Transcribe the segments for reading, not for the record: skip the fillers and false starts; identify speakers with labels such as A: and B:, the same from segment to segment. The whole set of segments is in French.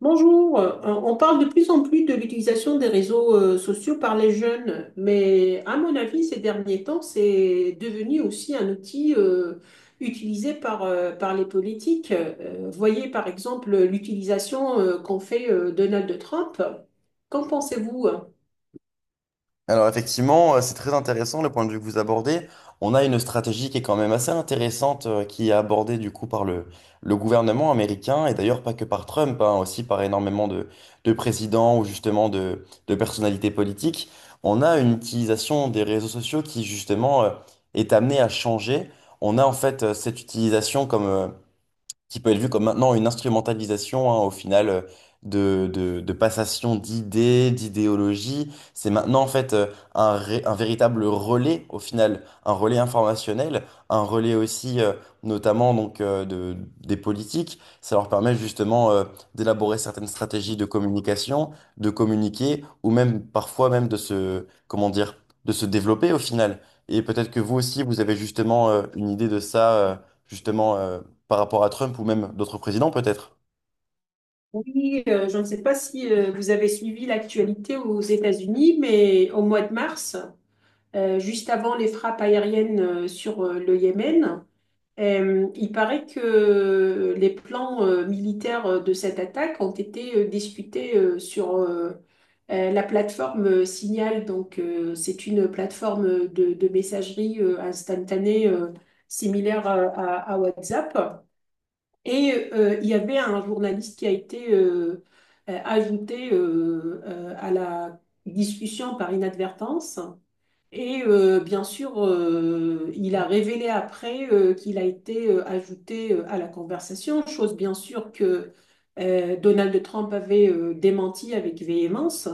A: Bonjour. On parle de plus en plus de l'utilisation des réseaux sociaux par les jeunes, mais à mon avis, ces derniers temps, c'est devenu aussi un outil utilisé par les politiques. Voyez par exemple l'utilisation qu'en fait Donald Trump. Qu'en pensez-vous?
B: Alors effectivement, c'est très intéressant le point de vue que vous abordez. On a une stratégie qui est quand même assez intéressante, qui est abordée du coup par le gouvernement américain, et d'ailleurs pas que par Trump, hein, aussi par énormément de présidents ou justement de personnalités politiques. On a une utilisation des réseaux sociaux qui justement est amenée à changer. On a en fait cette utilisation comme, qui peut être vu comme maintenant une instrumentalisation, hein, au final, de passation d'idées, d'idéologies. C'est maintenant, en fait, un véritable relais, au final, un relais informationnel, un relais aussi, notamment, donc, de, des politiques. Ça leur permet, justement, d'élaborer certaines stratégies de communication, de communiquer, ou même, parfois, même de se, comment dire, de se développer, au final. Et peut-être que vous aussi, vous avez justement, une idée de ça, justement, par rapport à Trump ou même d'autres présidents peut-être?
A: Je ne sais pas si vous avez suivi l'actualité aux États-Unis, mais au mois de mars, juste avant les frappes aériennes sur le Yémen. Il paraît que les plans militaires de cette attaque ont été discutés sur la plateforme Signal. C'est une plateforme de messagerie instantanée similaire à WhatsApp. Il y avait un journaliste qui a été ajouté à la discussion par inadvertance. Bien sûr, il a révélé après qu'il a été ajouté à la conversation, chose bien sûr que Donald Trump avait démenti avec véhémence.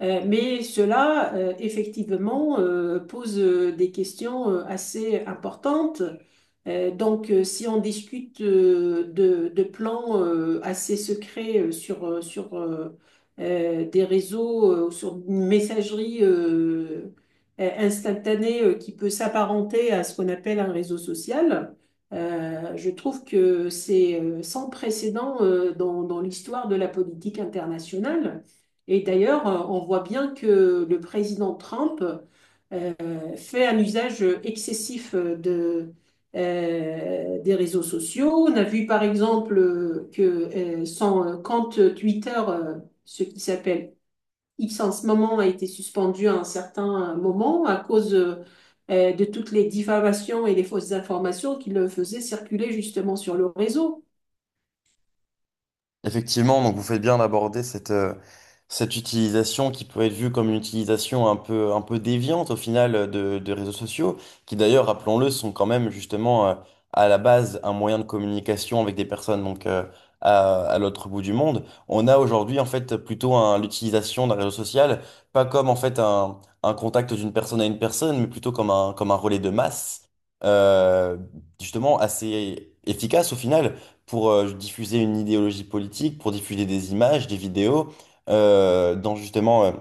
A: Mais cela, effectivement, pose des questions assez importantes. Si on discute de plans assez secrets sur, sur des réseaux, sur une messagerie, instantané qui peut s'apparenter à ce qu'on appelle un réseau social. Je trouve que c'est sans précédent dans, dans l'histoire de la politique internationale. On voit bien que le président Trump fait un usage excessif des réseaux sociaux. On a vu par exemple que son compte Twitter, ce qui s'appelle X en ce moment a été suspendu à un certain moment à cause de toutes les diffamations et les fausses informations qu'il faisait circuler justement sur le réseau.
B: Effectivement, donc vous faites bien d'aborder cette, cette utilisation qui peut être vue comme une utilisation un peu déviante au final de réseaux sociaux, qui d'ailleurs, rappelons-le, sont quand même justement à la base un moyen de communication avec des personnes donc à l'autre bout du monde. On a aujourd'hui en fait plutôt l'utilisation d'un réseau social, pas comme en fait un contact d'une personne à une personne, mais plutôt comme un relais de masse, euh, justement assez efficace au final pour diffuser une idéologie politique, pour diffuser des images, des vidéos, dans justement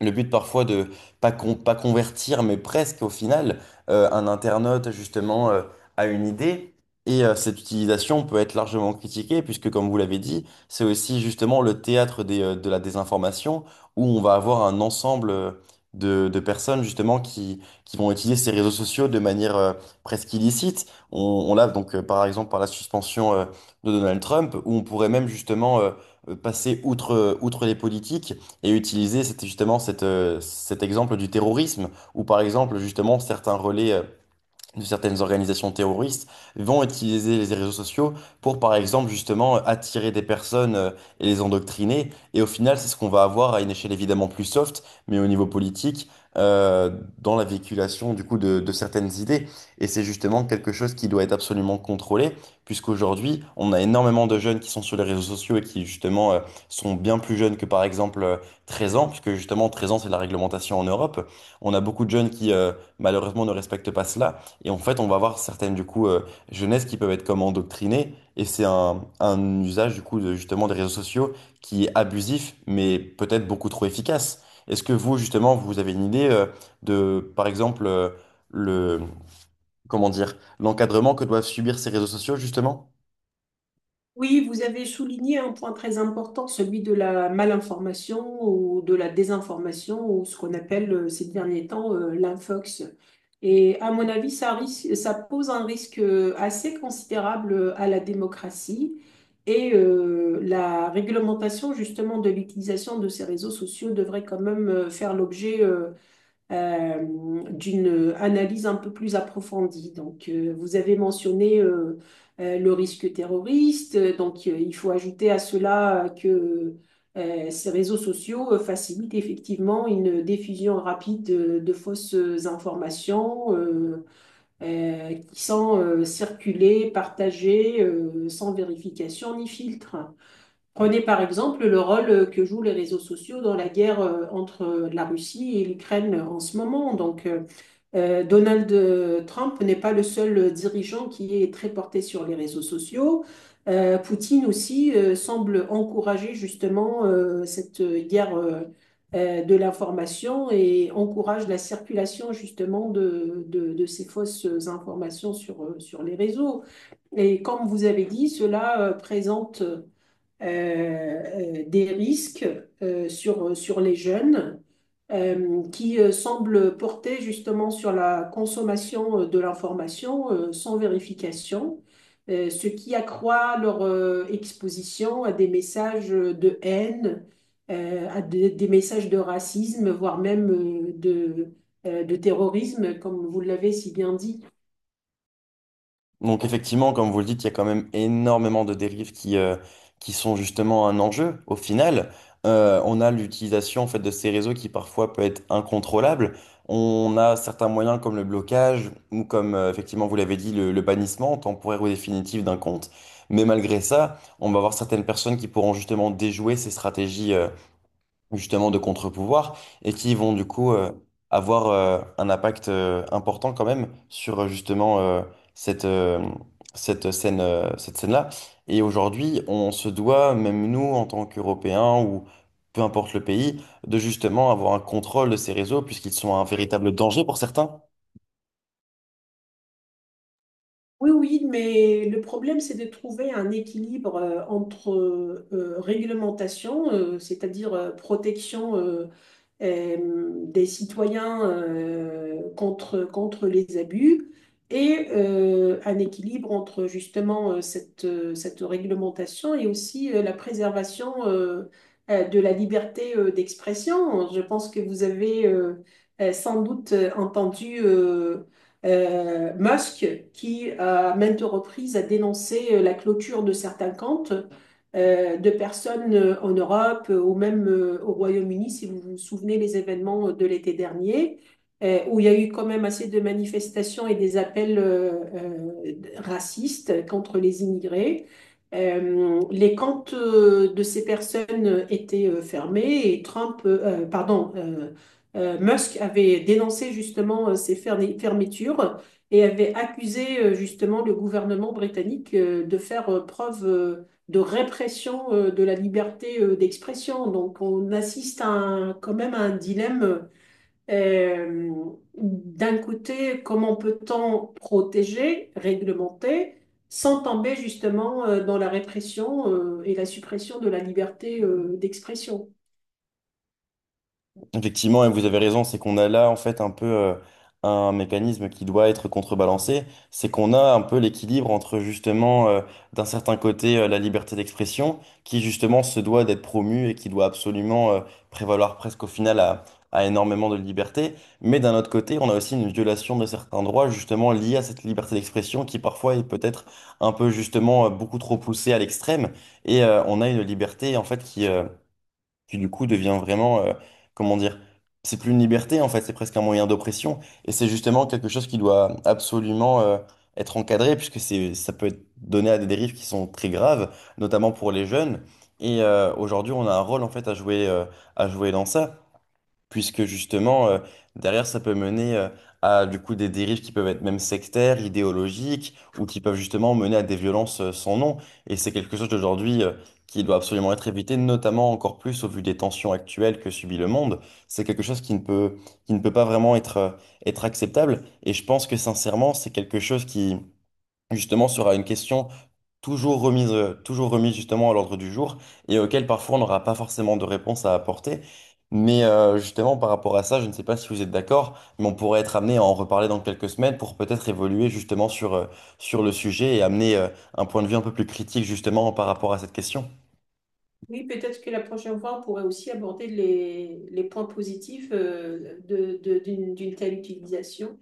B: le but parfois de pas convertir, mais presque au final, un internaute justement à une idée. Et cette utilisation peut être largement critiquée, puisque comme vous l'avez dit, c'est aussi justement le théâtre des, de la désinformation, où on va avoir un ensemble de personnes justement qui vont utiliser ces réseaux sociaux de manière presque illicite. On, on l'a donc par exemple par la suspension de Donald Trump, où on pourrait même justement passer outre, outre les politiques et utiliser c'était justement cette, cet exemple du terrorisme, où par exemple justement certains relais, de certaines organisations terroristes vont utiliser les réseaux sociaux pour, par exemple, justement, attirer des personnes et les endoctriner. Et au final, c'est ce qu'on va avoir à une échelle évidemment plus soft, mais au niveau politique, euh, dans la véhiculation, du coup, de certaines idées. Et c'est justement quelque chose qui doit être absolument contrôlé, puisqu'aujourd'hui, on a énormément de jeunes qui sont sur les réseaux sociaux et qui, justement, sont bien plus jeunes que, par exemple, 13 ans, puisque, justement, 13 ans, c'est la réglementation en Europe. On a beaucoup de jeunes qui, malheureusement, ne respectent pas cela. Et en fait, on va avoir certaines, du coup, jeunesses qui peuvent être comme endoctrinées. Et c'est un usage, du coup, de, justement, des réseaux sociaux qui est abusif, mais peut-être beaucoup trop efficace. Est-ce que vous, justement, vous avez une idée, de, par exemple, le, comment dire, l'encadrement que doivent subir ces réseaux sociaux, justement?
A: Oui, vous avez souligné un point très important, celui de la malinformation ou de la désinformation ou ce qu'on appelle ces derniers temps l'infox. Et à mon avis, ça pose un risque assez considérable à la démocratie et la réglementation justement de l'utilisation de ces réseaux sociaux devrait quand même faire l'objet euh, d'une analyse un peu plus approfondie. Vous avez mentionné le risque terroriste. Il faut ajouter à cela que ces réseaux sociaux facilitent effectivement une diffusion rapide de, fausses informations qui sont circulées, partagées sans vérification ni filtre. Prenez par exemple le rôle que jouent les réseaux sociaux dans la guerre entre la Russie et l'Ukraine en ce moment. Donald Trump n'est pas le seul dirigeant qui est très porté sur les réseaux sociaux. Poutine aussi semble encourager justement cette guerre de l'information et encourage la circulation justement de ces fausses informations sur, sur les réseaux. Et comme vous avez dit, cela présente des risques sur, sur les jeunes qui semblent porter justement sur la consommation de l'information sans vérification, ce qui accroît leur exposition à des messages de haine, à des messages de racisme, voire même de terrorisme, comme vous l'avez si bien dit.
B: Donc effectivement, comme vous le dites, il y a quand même énormément de dérives qui sont justement un enjeu. Au final, on a l'utilisation en fait, de ces réseaux qui parfois peut être incontrôlable. On a certains moyens comme le blocage ou comme, effectivement, vous l'avez dit, le bannissement temporaire ou définitif d'un compte. Mais malgré ça, on va avoir certaines personnes qui pourront justement déjouer ces stratégies, justement de contre-pouvoir et qui vont du coup avoir un impact important quand même sur justement cette, cette scène, cette scène-là. Et aujourd'hui, on se doit, même nous en tant qu'Européens ou peu importe le pays, de justement avoir un contrôle de ces réseaux puisqu'ils sont un véritable danger pour certains.
A: Oui, oui, mais le problème, c'est de trouver un équilibre entre réglementation, c'est-à-dire protection des citoyens contre, contre les abus et un équilibre entre justement cette, cette réglementation et aussi la préservation de la liberté d'expression. Je pense que vous avez sans doute entendu Musk qui, à maintes reprises, a dénoncé la clôture de certains comptes de personnes en Europe ou même au Royaume-Uni, si vous vous souvenez les événements de l'été dernier, où il y a eu quand même assez de manifestations et des appels racistes contre les immigrés. Les camps de ces personnes étaient fermés et Musk avait dénoncé justement ces fermetures et avait accusé justement le gouvernement britannique de faire preuve de répression de la liberté d'expression. Donc on assiste à quand même à un dilemme. euh, D'un côté, comment peut-on protéger, réglementer, sans tomber justement dans la répression et la suppression de la liberté d'expression?
B: Effectivement, et vous avez raison, c'est qu'on a là en fait un peu un mécanisme qui doit être contrebalancé, c'est qu'on a un peu l'équilibre entre justement d'un certain côté la liberté d'expression qui justement se doit d'être promue et qui doit absolument prévaloir presque au final à énormément de liberté, mais d'un autre côté on a aussi une violation de certains droits justement liés à cette liberté d'expression qui parfois est peut-être un peu justement beaucoup trop poussée à l'extrême et on a une liberté en fait qui qui du coup devient vraiment, comment dire, c'est plus une liberté en fait, c'est presque un moyen d'oppression, et c'est justement quelque chose qui doit absolument être encadré, puisque c'est, ça peut être donné à des dérives qui sont très graves, notamment pour les jeunes, et aujourd'hui on a un rôle en fait à jouer dans ça puisque justement, derrière, ça peut mener à du coup des dérives qui peuvent être même sectaires, idéologiques, ou qui peuvent justement mener à des violences sans nom. Et c'est quelque chose d'aujourd'hui qui doit absolument être évité, notamment encore plus au vu des tensions actuelles que subit le monde. C'est quelque chose qui ne peut pas vraiment être, être acceptable. Et je pense que sincèrement, c'est quelque chose qui, justement, sera une question toujours remise justement à l'ordre du jour et auquel parfois on n'aura pas forcément de réponse à apporter. Mais justement par rapport à ça, je ne sais pas si vous êtes d'accord, mais on pourrait être amené à en reparler dans quelques semaines pour peut-être évoluer justement sur, sur le sujet et amener un point de vue un peu plus critique justement par rapport à cette question.
A: Oui, peut-être que la prochaine fois, on pourrait aussi aborder les points positifs de, d'une, d'une telle utilisation.